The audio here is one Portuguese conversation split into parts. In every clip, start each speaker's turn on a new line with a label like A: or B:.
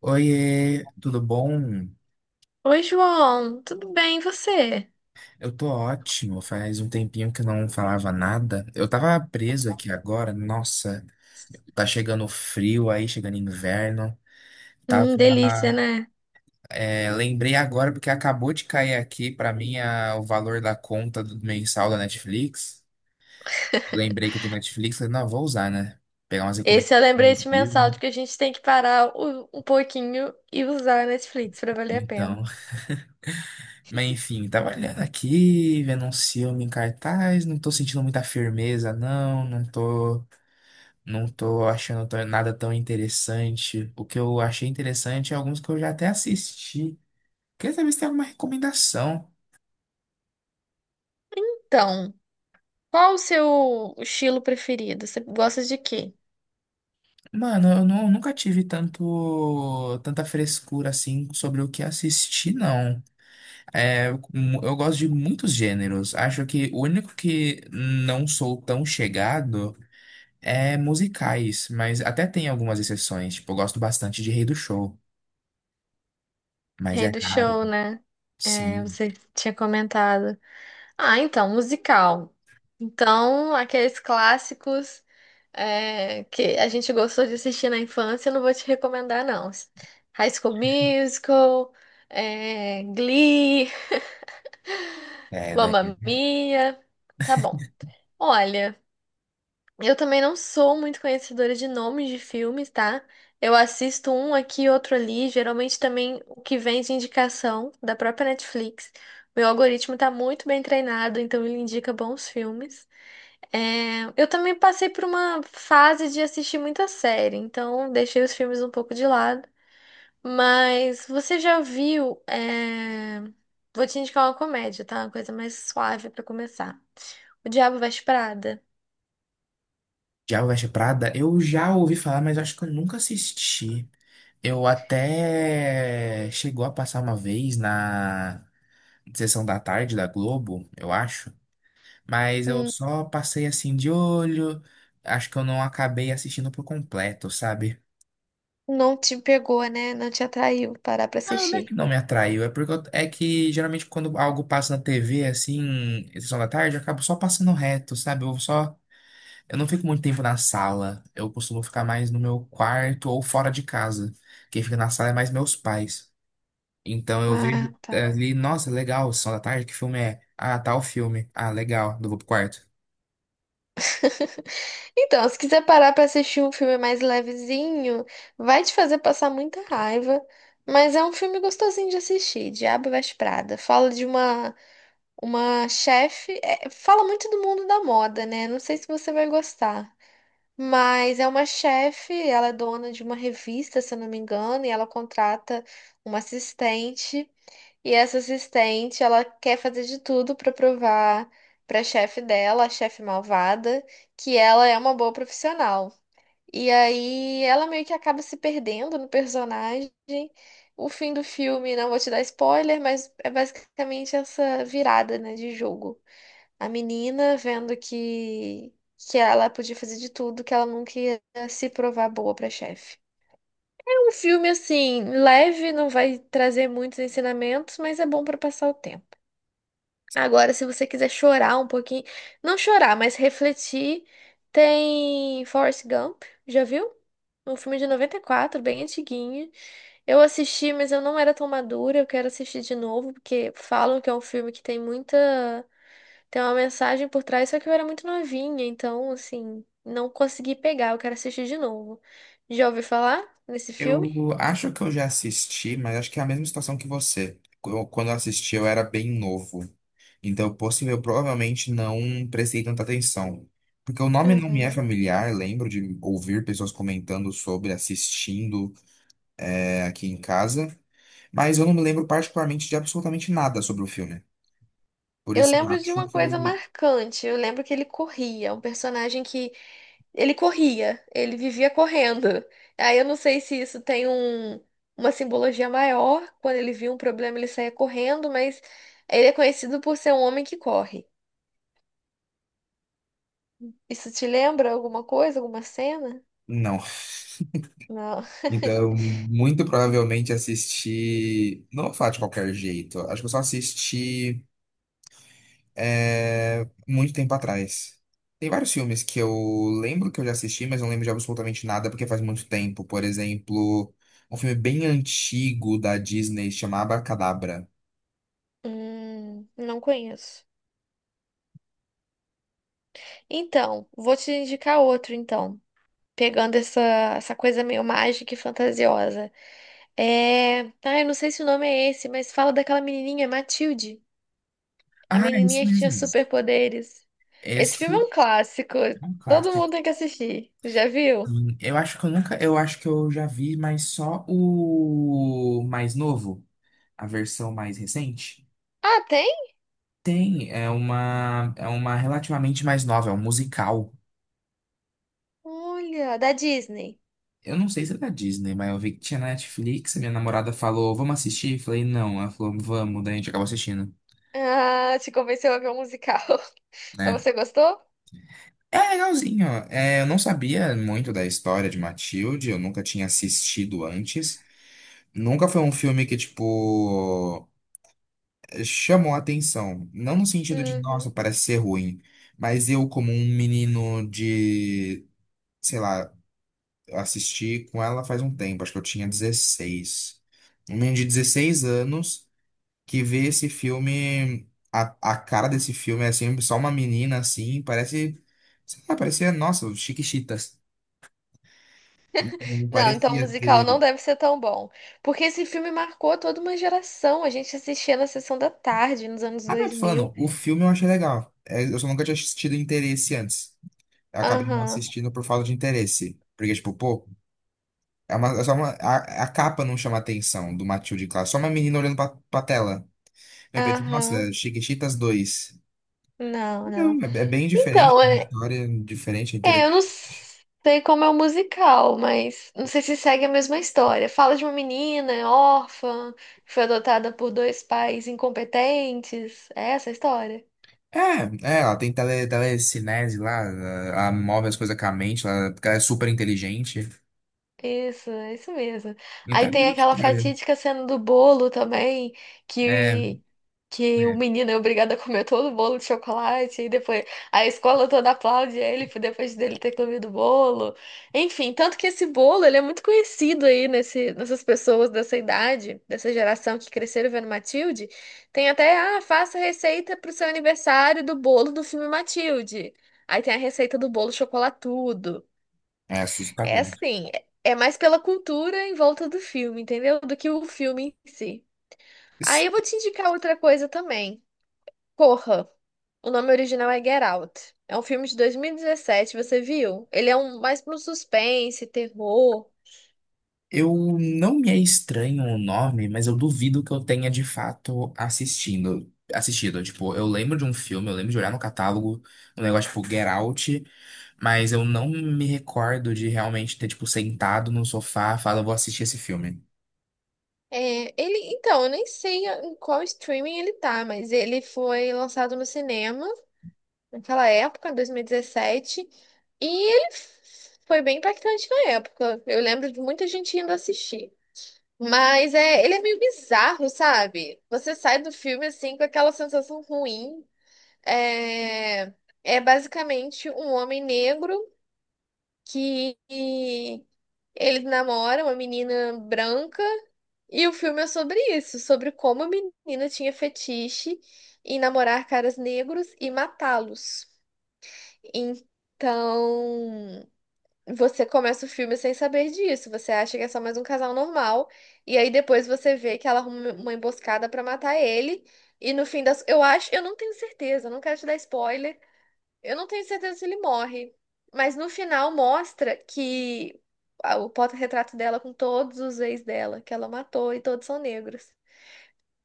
A: Oiê, tudo bom?
B: Oi, João, tudo bem? E você?
A: Eu tô ótimo, faz um tempinho que eu não falava nada. Eu tava preso aqui agora, nossa, tá chegando frio aí, chegando inverno.
B: Delícia,
A: Tava,
B: né?
A: lembrei agora porque acabou de cair aqui pra mim o valor da conta do mensal da Netflix. Lembrei que eu tô na Netflix, falei, não, vou usar, né? Pegar umas
B: Esse
A: recomendações
B: é o
A: de
B: lembrete mensal
A: filme.
B: de que a gente tem que parar um pouquinho e usar a Netflix para valer a pena.
A: Então, mas enfim, tava olhando aqui, vendo um filme em cartaz, não tô sentindo muita firmeza, não, não tô. Não tô nada tão interessante. O que eu achei interessante é alguns que eu já até assisti. Queria saber se tem alguma recomendação.
B: Então, qual o seu estilo preferido? Você gosta de quê?
A: Mano, nunca tive tanta frescura assim sobre o que assistir, não. É, eu eu gosto de muitos gêneros. Acho que o único que não sou tão chegado é musicais, mas até tem algumas exceções. Tipo, eu gosto bastante de Rei do Show, mas
B: Rei
A: é
B: do
A: raro.
B: show, né? É,
A: Sim,
B: você tinha comentado. Ah, então, musical. Então, aqueles clássicos, é, que a gente gostou de assistir na infância, eu não vou te recomendar, não. High School Musical, é, Glee,
A: é,
B: Mamma Mia. Tá bom. Olha, eu também não sou muito conhecedora de nomes de filmes, tá? Eu assisto um aqui, outro ali, geralmente também o que vem de indicação da própria Netflix. Meu algoritmo tá muito bem treinado, então ele indica bons filmes. É, eu também passei por uma fase de assistir muita série, então deixei os filmes um pouco de lado. Mas você já viu? É, vou te indicar uma comédia, tá? Uma coisa mais suave pra começar. O Diabo Veste Prada.
A: Diabo Veste Prada, eu já ouvi falar, mas acho que eu nunca assisti. Eu até chegou a passar uma vez na sessão da tarde da Globo, eu acho, mas eu
B: Hum,
A: só passei assim de olho. Acho que eu não acabei assistindo por completo, sabe?
B: não te pegou, né? Não te atraiu parar pra
A: Não, não é que
B: assistir.
A: não me atraiu, é porque é que geralmente quando algo passa na TV assim, em sessão da tarde, eu acabo só passando reto, sabe? Eu não fico muito tempo na sala. Eu costumo ficar mais no meu quarto ou fora de casa. Quem fica na sala é mais meus pais. Então eu
B: Ah,
A: vejo, é,
B: tá.
A: ali, nossa, legal, Sessão da Tarde, que filme é? Ah, tal filme. Ah, legal, eu vou pro quarto.
B: Então, se quiser parar pra assistir um filme mais levezinho, vai te fazer passar muita raiva, mas é um filme gostosinho de assistir, Diabo Veste Prada. Fala de uma chefe, é, fala muito do mundo da moda, né? Não sei se você vai gostar, mas é uma chefe, ela é dona de uma revista, se eu não me engano, e ela contrata uma assistente e essa assistente, ela quer fazer de tudo para provar para a chefe dela, a chefe malvada, que ela é uma boa profissional. E aí ela meio que acaba se perdendo no personagem. O fim do filme, não vou te dar spoiler, mas é basicamente essa virada, né, de jogo. A menina vendo que ela podia fazer de tudo, que ela nunca ia se provar boa pra chefe. É um filme assim, leve, não vai trazer muitos ensinamentos, mas é bom para passar o tempo. Agora, se você quiser chorar um pouquinho, não chorar, mas refletir, tem Forrest Gump, já viu? Um filme de 94, bem antiguinho. Eu assisti, mas eu não era tão madura, eu quero assistir de novo, porque falam que é um filme que tem muita. Tem uma mensagem por trás, só que eu era muito novinha, então, assim, não consegui pegar, eu quero assistir de novo. Já ouviu falar nesse filme?
A: Eu acho que eu já assisti, mas acho que é a mesma situação que você. Quando eu assisti, eu era bem novo. Então, possível, eu provavelmente não prestei tanta atenção. Porque o nome não me é
B: Uhum.
A: familiar, lembro de ouvir pessoas comentando sobre, assistindo, aqui em casa, mas eu não me lembro particularmente de absolutamente nada sobre o filme. Por
B: Eu
A: isso eu
B: lembro de
A: acho
B: uma coisa
A: que
B: marcante. Eu lembro que ele corria, um personagem que ele corria, ele vivia correndo. Aí eu não sei se isso tem uma simbologia maior, quando ele via um problema ele saía correndo, mas ele é conhecido por ser um homem que corre. Isso te lembra alguma coisa, alguma cena?
A: não.
B: Não.
A: Então, muito provavelmente assisti. Não vou falar de qualquer jeito. Acho que eu só assisti muito tempo atrás. Tem vários filmes que eu lembro que eu já assisti, mas não lembro de absolutamente nada porque faz muito tempo. Por exemplo, um filme bem antigo da Disney chamado Abracadabra.
B: Não conheço. Então, vou te indicar outro então, pegando essa coisa meio mágica e fantasiosa. É. Ah, eu não sei se o nome é esse, mas fala daquela menininha, Matilde. A
A: Ah, é esse
B: menininha que tinha
A: mesmo.
B: superpoderes. Esse filme é
A: Esse
B: um clássico.
A: é um
B: Todo mundo
A: clássico.
B: tem que assistir. Já viu?
A: Eu acho que eu nunca, eu acho que eu já vi, mas só o mais novo, a versão mais recente.
B: Ah, tem?
A: Tem, é uma relativamente mais nova, é um musical.
B: Olha, da Disney.
A: Eu não sei se é da Disney, mas eu vi que tinha na Netflix, a minha namorada falou, vamos assistir? Eu falei, não. Ela falou, vamos, daí a gente acabou assistindo,
B: Ah, te convenceu a ver um musical. Mas
A: né?
B: você gostou?
A: É legalzinho. É, eu não sabia muito da história de Matilde, eu nunca tinha assistido antes. Nunca foi um filme que, tipo, chamou a atenção. Não no sentido de, nossa,
B: Uhum.
A: parece ser ruim. Mas eu, como um menino de, sei lá, eu assisti com ela faz um tempo, acho que eu tinha 16. Um menino de 16 anos que vê esse filme, a cara desse filme é assim, só uma menina assim, parece, sei lá, parecia, nossa, Chiquititas. Não
B: Não, então o
A: parecia
B: musical
A: ter.
B: não deve ser tão bom. Porque esse filme marcou toda uma geração. A gente assistia na sessão da tarde, nos anos
A: Ah, não,
B: dois
A: tô falando,
B: mil
A: o filme eu achei legal. É, eu só nunca tinha assistido Interesse antes. Eu acabei não
B: Aham,
A: assistindo por falta de interesse. Porque, tipo, pô, é só uma, a capa não chama atenção do Matilde Clark, só uma menina olhando pra tela. Eu pensei,
B: aham.
A: nossa, Chiquititas dois.
B: Não,
A: Não,
B: não.
A: é, é bem diferente,
B: Então,
A: uma
B: é.
A: história diferente,
B: É, eu
A: interessante.
B: não sei como é o musical, mas não sei se segue a mesma história. Fala de uma menina órfã, que foi adotada por dois pais incompetentes. É essa a história?
A: É, ela tem telecinese lá, ela move as coisas com a mente, ela, porque ela é super inteligente.
B: Isso mesmo.
A: Então
B: Aí
A: é a
B: tem
A: mesma
B: aquela
A: história.
B: fatídica cena do bolo também,
A: É, é,
B: que, que o menino é obrigado a comer todo o bolo de chocolate, e depois a escola toda aplaude ele por depois dele ter comido o bolo. Enfim, tanto que esse bolo, ele é muito conhecido aí nessas pessoas dessa idade, dessa geração que cresceram vendo Matilde. Tem até, ah, faça receita pro seu aniversário do bolo do filme Matilde. Aí tem a receita do bolo chocolatudo.
A: é
B: É
A: assustador.
B: assim, é mais pela cultura em volta do filme, entendeu? Do que o filme em si. Aí eu vou te indicar outra coisa também. Corra. O nome original é Get Out. É um filme de 2017, você viu? Ele é um mais para um suspense, terror.
A: Eu não, me é estranho o nome, mas eu duvido que eu tenha de fato assistido. Tipo, eu lembro de um filme, eu lembro de olhar no catálogo, um negócio tipo Get Out, mas eu não me recordo de realmente ter tipo sentado no sofá, e falar, vou assistir esse filme.
B: É, ele, então, eu nem sei em qual streaming ele tá, mas ele foi lançado no cinema naquela época, 2017, e foi bem impactante na época. Eu lembro de muita gente indo assistir. Mas é, ele é meio bizarro, sabe? Você sai do filme assim com aquela sensação ruim. É, é basicamente um homem negro que ele namora uma menina branca e o filme é sobre isso, sobre como a menina tinha fetiche em namorar caras negros e matá-los. Então, você começa o filme sem saber disso. Você acha que é só mais um casal normal. E aí depois você vê que ela arruma uma emboscada pra matar ele. E no fim das. Eu acho. Eu não tenho certeza, eu não quero te dar spoiler. Eu não tenho certeza se ele morre. Mas no final mostra que o porta-retrato dela com todos os ex dela, que ela matou, e todos são negros.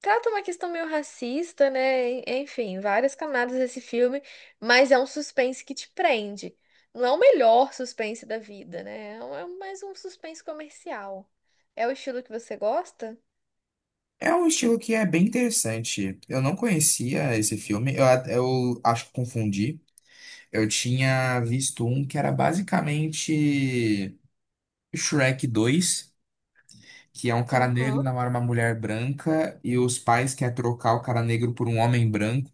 B: Trata uma questão meio racista, né? Enfim, várias camadas desse filme, mas é um suspense que te prende. Não é o melhor suspense da vida, né? É é mais um suspense comercial. É o estilo que você gosta?
A: É um estilo que é bem interessante. Eu não conhecia esse filme, eu acho que confundi. Eu tinha visto um que era basicamente Shrek dois, que é um cara negro
B: Aham.
A: namora uma mulher branca e os pais querem trocar o cara negro por um homem branco.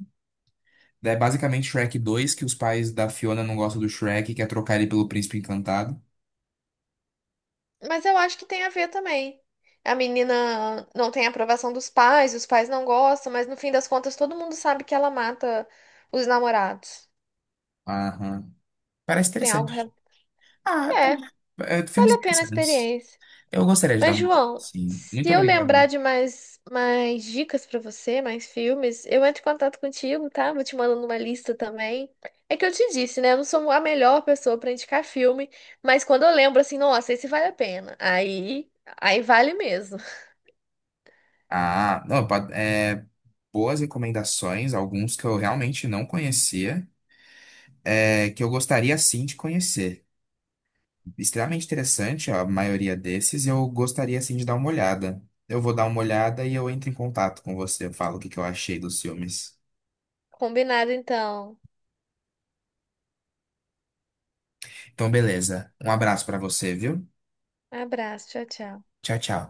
A: Daí é basicamente Shrek 2, que os pais da Fiona não gostam do Shrek e quer trocar ele pelo Príncipe Encantado.
B: Mas eu acho que tem a ver também. A menina não tem aprovação dos pais, os pais não gostam, mas no fim das contas todo mundo sabe que ela mata os namorados.
A: Aham. Parece
B: Tem algo.
A: interessante. Ah,
B: É, vale
A: filmes
B: a pena a
A: interessantes.
B: experiência.
A: Eu gostaria de dar
B: Mas,
A: uma olhada,
B: João,
A: sim.
B: se
A: Muito
B: eu lembrar
A: obrigado.
B: de mais dicas pra você, mais filmes, eu entro em contato contigo, tá? Vou te mandando uma lista também. É que eu te disse, né? Eu não sou a melhor pessoa pra indicar filme, mas quando eu lembro assim, nossa, esse vale a pena. Aí vale mesmo.
A: Ah, não, boas recomendações, alguns que eu realmente não conhecia, é, que eu gostaria sim de conhecer. Extremamente interessante a maioria desses e eu gostaria assim de dar uma olhada. Eu vou dar uma olhada e eu entro em contato com você, eu falo o que que eu achei dos filmes.
B: Combinado, então.
A: Então, beleza. Um abraço pra você, viu?
B: Abraço, tchau, tchau.
A: Tchau, tchau.